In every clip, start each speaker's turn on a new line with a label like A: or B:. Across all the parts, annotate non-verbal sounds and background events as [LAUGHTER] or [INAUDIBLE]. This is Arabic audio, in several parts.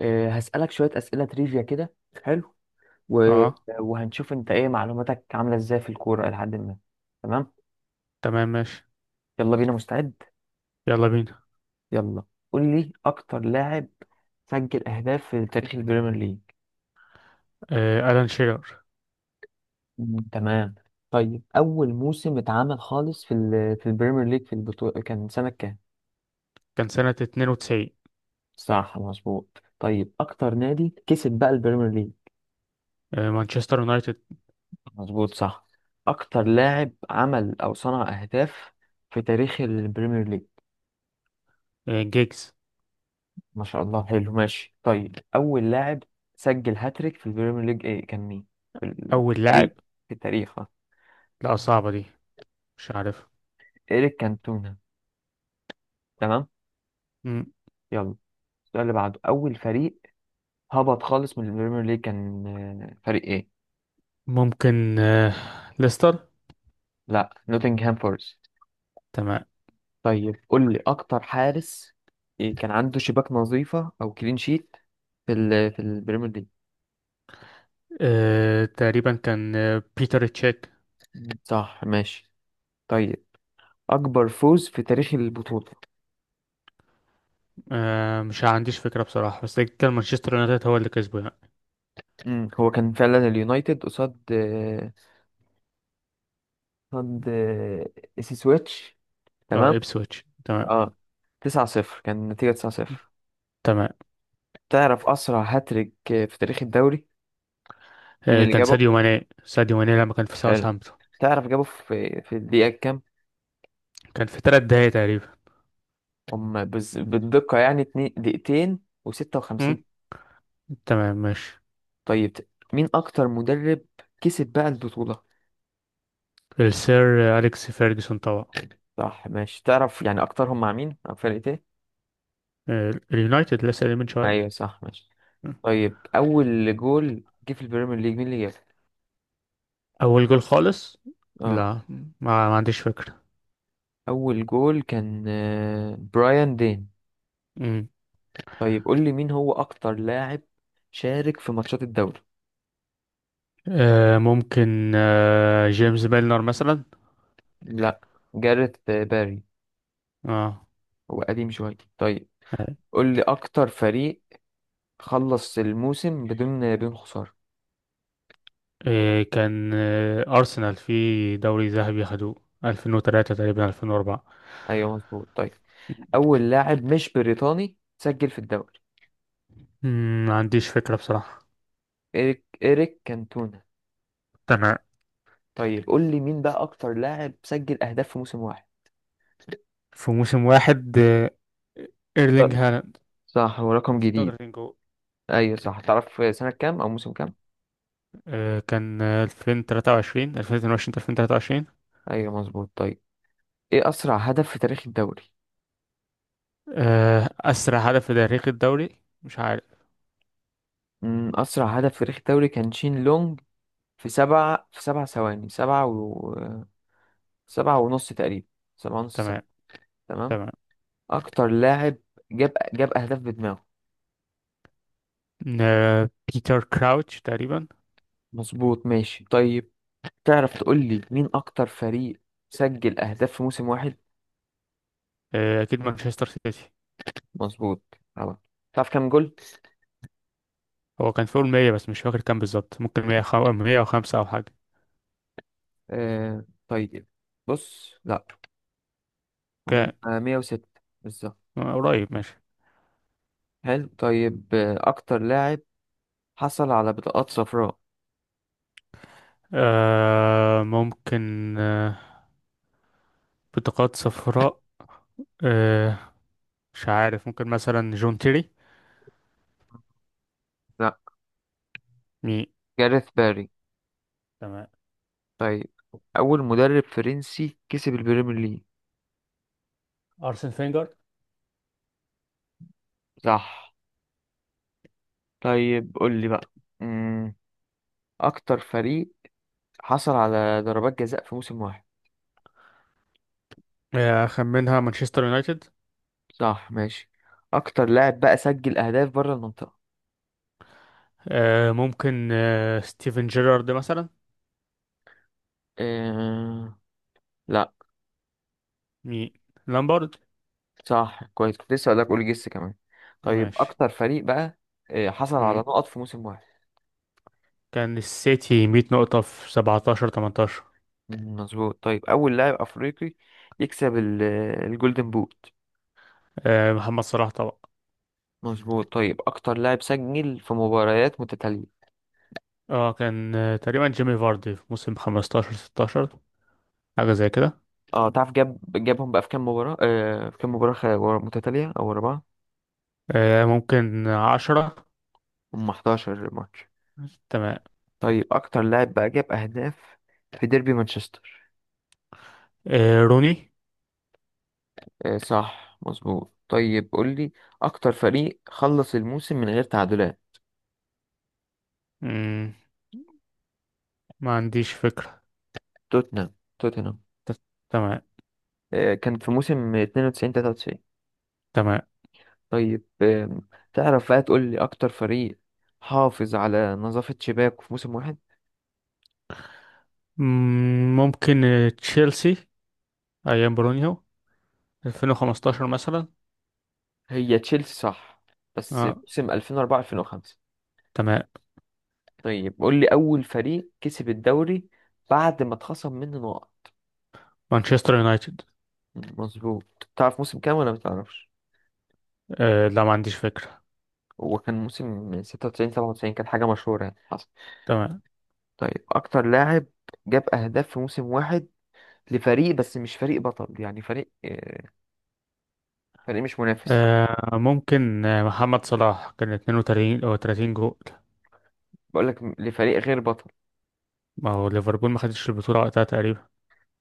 A: هسألك شوية أسئلة تريفيا كده. حلو. و...
B: اه،
A: وهنشوف أنت إيه معلوماتك عاملة إزاي في الكورة إلى حد ما. تمام.
B: تمام ماشي.
A: يلا بينا، مستعد؟
B: يلا بينا.
A: يلا. قول لي أكتر لاعب سجل أهداف في تاريخ البريمير ليج.
B: ألان شيرر.
A: مم. تمام. طيب أول موسم اتعمل خالص في البريمير ليج في البطولة كان سنة كام؟
B: كان سنة 92.
A: صح، مظبوط. طيب أكتر نادي كسب بقى البريمير ليج.
B: مانشستر يونايتد.
A: مظبوط، صح. أكتر لاعب عمل أو صنع أهداف في تاريخ البريمير ليج.
B: جيجز.
A: ما شاء الله، حلو، ماشي. طيب أول لاعب سجل هاتريك في البريمير ليج إيه، كان مين؟ في
B: أول
A: التاريخ.
B: لاعب؟
A: في التاريخ،
B: لا، صعبة دي، مش عارف.
A: إيريك كانتونا. تمام.
B: مم،
A: يلا، السؤال اللي بعده: أول فريق هبط خالص من البريمير ليج كان فريق إيه؟
B: ممكن ليستر.
A: لا، نوتنغهام فورست.
B: تمام.
A: طيب قول لي أكتر حارس إيه كان عنده شباك نظيفة أو كلين شيت في البريمير ليج.
B: تقريبا كان بيتر تشيك.
A: صح، ماشي. طيب أكبر فوز في تاريخ البطولة.
B: مش عنديش فكرة بصراحة، بس كان مانشستر يونايتد هو اللي كسبه يعني.
A: هو كان فعلا اليونايتد قصاد ضد سي سويتش. تمام.
B: اه، إبسويتش، تمام.
A: اه، 9 0 كان النتيجة، 9 0.
B: تمام.
A: تعرف أسرع هاتريك في تاريخ الدوري مين اللي
B: كان
A: جابه؟
B: ساديو ماني، ساديو ماني لما كان في
A: حلو.
B: ساوثهامبتون.
A: تعرف جابه في الدقيقة كام؟
B: كان في ثلاث دقايق تقريبا.
A: هم، بالدقة يعني اتنين دقيقتين و56.
B: مم، تمام ماشي.
A: طيب مين أكتر مدرب كسب بقى البطولة؟
B: السير أليكس فيرجسون طبعا.
A: صح، ماشي. تعرف يعني أكترهم مع مين؟ مع فرقة إيه؟
B: اليونايتد، لسه قايل من شوية.
A: أيوه، صح، ماشي. طيب أول جول جه في البريمير ليج مين اللي جابه؟
B: أول جول خالص؟
A: اه،
B: لا، ما عنديش فكرة.
A: أول جول كان برايان دين.
B: مم.
A: طيب قول لي مين هو أكتر لاعب شارك في ماتشات الدوري؟
B: ممكن جيمس ميلنر مثلا.
A: لا، جاريث باري.
B: اه.
A: هو قديم شوية. طيب قول لي أكتر فريق خلص الموسم بدون خسارة.
B: كان أرسنال في دوري ذهبي خدوه، 2003 تقريبا، 2004.
A: أيوه، مظبوط. طيب أول لاعب مش بريطاني سجل في الدوري.
B: مم، ما عنديش فكرة بصراحة.
A: إيريك كانتونا.
B: تمام.
A: طيب قول لي مين بقى أكتر لاعب سجل أهداف في موسم واحد؟
B: في موسم واحد، ايرلينج
A: أه.
B: هالاند.
A: صح، هو رقم
B: كان
A: جديد.
B: 36 جول.
A: أيوه، صح. تعرف سنة كام أو موسم كام؟
B: كان 2023، 2022 2023.
A: أيوه، مظبوط. طيب إيه أسرع هدف في تاريخ الدوري؟
B: أسرع هدف في تاريخ الدوري، مش عارف.
A: مم، أسرع هدف في تاريخ الدوري كان شين لونج، في سبعة، في سبع ثواني، سبعة و سبعة ونص تقريبا، سبعة ونص ثانية.
B: تمام.
A: تمام.
B: تمام.
A: أكتر لاعب جاب أهداف بدماغه.
B: بيتر كراوتش تقريبا.
A: مظبوط، ماشي. طيب تعرف تقول لي مين أكتر فريق سجل أهداف في موسم واحد.
B: اكيد مانشستر سيتي.
A: مظبوط، طبعا. تعرف كام جول؟
B: هو كان فوق ال 100، بس مش فاكر كام بالظبط. ممكن 100 105 او حاجه.
A: آه طيب، بص لأ، هم
B: كان
A: 106 بالظبط.
B: قريب. ماشي.
A: حلو. طيب أكتر لاعب حصل على بطاقات صفراء.
B: ممكن بطاقات صفراء. آه مش عارف، ممكن مثلا جون تيري.
A: لأ،
B: مي.
A: جاريث باري.
B: تمام.
A: طيب أول مدرب فرنسي كسب البريمير ليج.
B: ارسن فينجر.
A: صح. طيب قول لي بقى، مم. أكتر فريق حصل على ضربات جزاء في موسم واحد.
B: خمنها مانشستر يونايتد.
A: صح، ماشي. أكتر لاعب بقى سجل أهداف بره المنطقة.
B: ممكن ستيفن جيرارد مثلا.
A: إيه... لا.
B: مي، لامبارد.
A: صح، كويس، كنت لسه هقولك قول جس كمان. طيب
B: ماشي.
A: أكتر فريق بقى حصل على نقط في موسم واحد.
B: كان السيتي 100 نقطة في 17 18.
A: مم، مظبوط. طيب أول لاعب أفريقي يكسب الجولدن بوت.
B: محمد صلاح طبعا.
A: مظبوط. طيب أكتر لاعب سجل في مباريات متتالية.
B: اه، كان تقريبا جيمي فاردي في موسم 15 16، حاجة زي كده.
A: اه، تعرف جابهم بقى في كام مباراة، في كام مباراة ورا متتالية او ورا بعض.
B: ممكن 10.
A: هم 11 ماتش.
B: تمام.
A: طيب اكتر لاعب بقى جاب اهداف في ديربي مانشستر.
B: روني.
A: آه، صح، مظبوط. طيب قول لي اكتر فريق خلص الموسم من غير تعادلات.
B: مم، ما عنديش فكرة.
A: توتنهام، توتنهام.
B: ت- تمام.
A: آه، كان في موسم 92 93.
B: تمام.
A: طيب آه، تعرف بقى تقول لي اكتر فريق حافظ على نظافة شباكه في موسم واحد.
B: مم، ممكن تشيلسي أيام برونيو 2015 مثلا.
A: هي تشيلسي، صح، بس
B: اه،
A: موسم 2004 2005.
B: تمام.
A: طيب قول لي أول فريق كسب الدوري بعد ما اتخصم منه نقط.
B: مانشستر يونايتد.
A: مظبوط. تعرف موسم كام ولا متعرفش؟
B: لا، ما عنديش فكرة.
A: هو كان موسم 96 97، كانت حاجة مشهورة يعني حصل.
B: تمام.
A: طيب أكتر لاعب جاب أهداف في موسم واحد لفريق بس مش فريق بطل، يعني فريق فريق مش منافس.
B: ممكن محمد صلاح كان 32 او 30 جول.
A: بقول لك لفريق غير بطل.
B: ما هو ليفربول ما خدش البطولة وقتها تقريبا.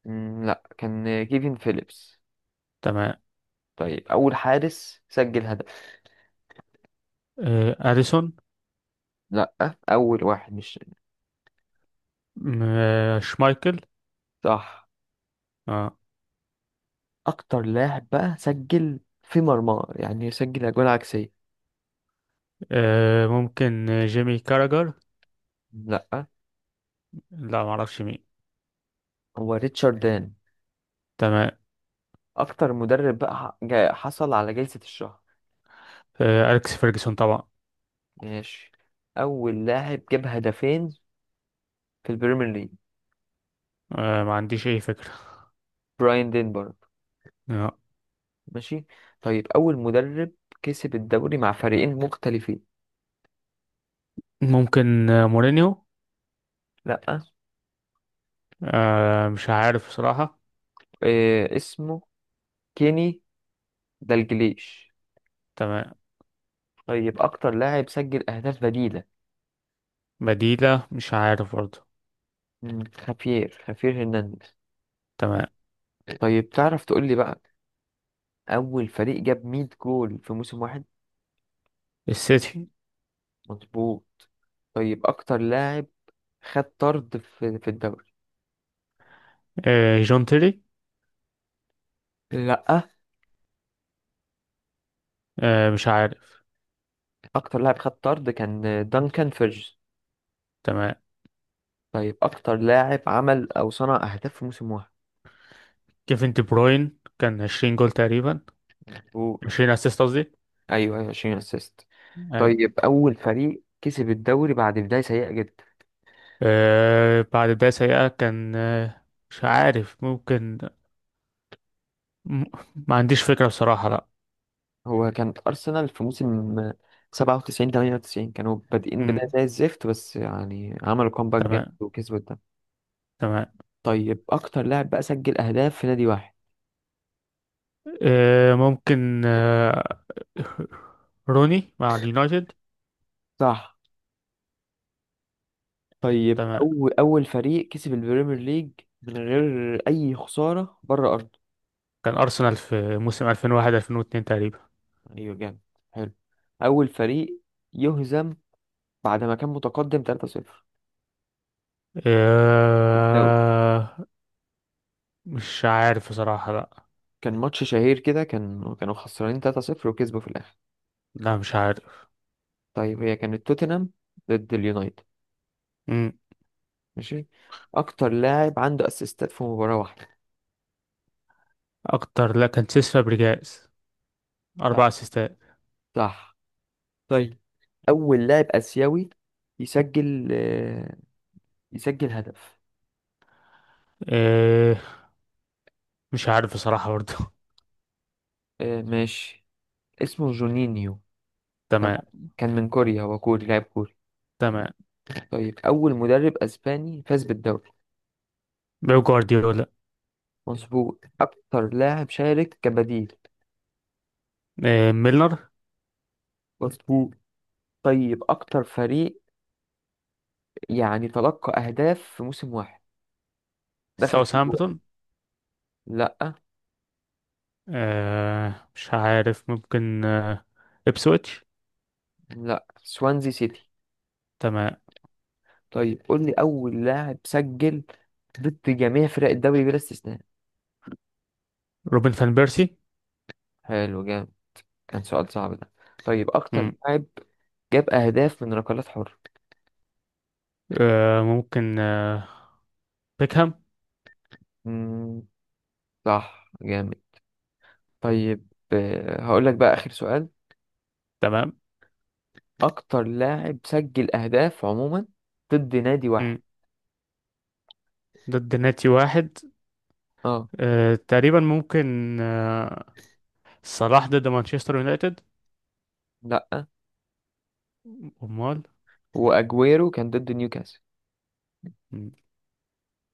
A: مم، لا، كان كيفن فيليبس.
B: تمام.
A: طيب أول حارس سجل هدف.
B: اديسون.
A: لا، أول واحد مش.
B: شمايكل.
A: صح.
B: آه.
A: اكتر لاعب بقى سجل في مرمى، يعني سجل اجوان عكسيه.
B: ممكن جيمي كاراجر.
A: لا،
B: لا، ما اعرفش مين.
A: هو ريتشارد دان.
B: تمام.
A: اكتر مدرب بقى حصل على جائزه الشهر.
B: اليكس فيرجسون طبعا.
A: ماشي. اول لاعب جاب هدفين في البريمير ليج.
B: ما عنديش اي فكرة.
A: براين دينبرج.
B: آه.
A: ماشي. طيب اول مدرب كسب الدوري مع فريقين مختلفين.
B: ممكن مورينيو.
A: لا.
B: مش عارف بصراحة.
A: إيه اسمه؟ كيني دالجليش.
B: تمام.
A: طيب اكتر لاعب سجل اهداف بديله.
B: بديلة، مش عارف برضه.
A: مم، خافير هرنانديز.
B: تمام.
A: طيب تعرف تقول لي بقى اول فريق جاب 100 جول في موسم واحد.
B: السيتي.
A: مظبوط. طيب اكتر لاعب خد طرد في الدوري.
B: جون تيري.
A: لا،
B: مش عارف.
A: اكتر لاعب خد طرد كان دانكان فيرجز.
B: تمام.
A: طيب اكتر لاعب عمل او صنع اهداف في موسم واحد.
B: كيفن دي بروين كان 20 جول تقريبا.
A: مظبوط.
B: 20 اسيست قصدي.
A: ايوه، ايوه، 20 اسيست.
B: أي.
A: طيب اول فريق كسب الدوري بعد بداية سيئة جدا.
B: بعد ده سيئة، كان مش عارف، ممكن م- ما عنديش فكرة بصراحة، لا.
A: هو كانت ارسنال في موسم 97 98، كانوا بادئين بداية
B: مم.
A: زي الزفت، بس يعني عملوا كومباك جامد
B: تمام.
A: وكسبوا الدوري.
B: تمام.
A: طيب اكتر لاعب بقى سجل اهداف في نادي واحد.
B: ممكن روني مع اليونايتد.
A: صح. طيب
B: تمام.
A: أول فريق كسب البريمير ليج من غير أي خسارة بره أرضه.
B: كان أرسنال في موسم 2001 2002 تقريبا.
A: أيوة، جامد، حلو. أول فريق يهزم بعد ما كان متقدم 3-0 في الدوري.
B: آه مش عارف بصراحة، لا.
A: كان ماتش شهير كده، كان كانوا خسرانين 3-0 وكسبوا في الآخر.
B: لا، مش عارف.
A: طيب هي كانت توتنهام ضد اليونايتد.
B: مم.
A: ماشي. أكتر لاعب عنده أسيستات في مباراة واحدة.
B: أكتر، لا، كان سيس فابريجاس،
A: صح،
B: أربع أسيستات.
A: صح. طيب أول لاعب آسيوي يسجل يسجل هدف.
B: مش عارف بصراحة برضه. [LAUGHS]
A: ماشي. اسمه جونينيو.
B: تمام.
A: تمام. كان من كوريا، هو كوري، لاعب كوري.
B: تمام.
A: طيب أول مدرب أسباني فاز بالدوري.
B: بيب جوارديولا.
A: مظبوط. أكتر لاعب شارك كبديل.
B: ميلنر.
A: مظبوط. طيب أكتر فريق يعني تلقى أهداف في موسم واحد، دخل فيه جوان.
B: ساوثهامبتون.
A: لأ.
B: مش عارف، ممكن إبسويتش.
A: لأ، سوانزي سيتي.
B: تمام.
A: طيب قول لي أول لاعب سجل ضد جميع فرق الدوري بلا استثناء.
B: روبن فان بيرسي.
A: حلو، جامد، كان سؤال صعب ده. طيب أكتر
B: مم.
A: لاعب جاب أهداف من ركلات حرة.
B: ممكن بيكهام.
A: مم، صح، جامد. طيب هقول لك بقى آخر سؤال.
B: تمام.
A: اكتر لاعب سجل اهداف عموما ضد نادي واحد.
B: مم. ضد ناتي واحد.
A: اه.
B: تقريبا ممكن صلاح ضد مانشستر يونايتد.
A: لا.
B: أمال؟
A: واجويرو كان ضد نيوكاسل.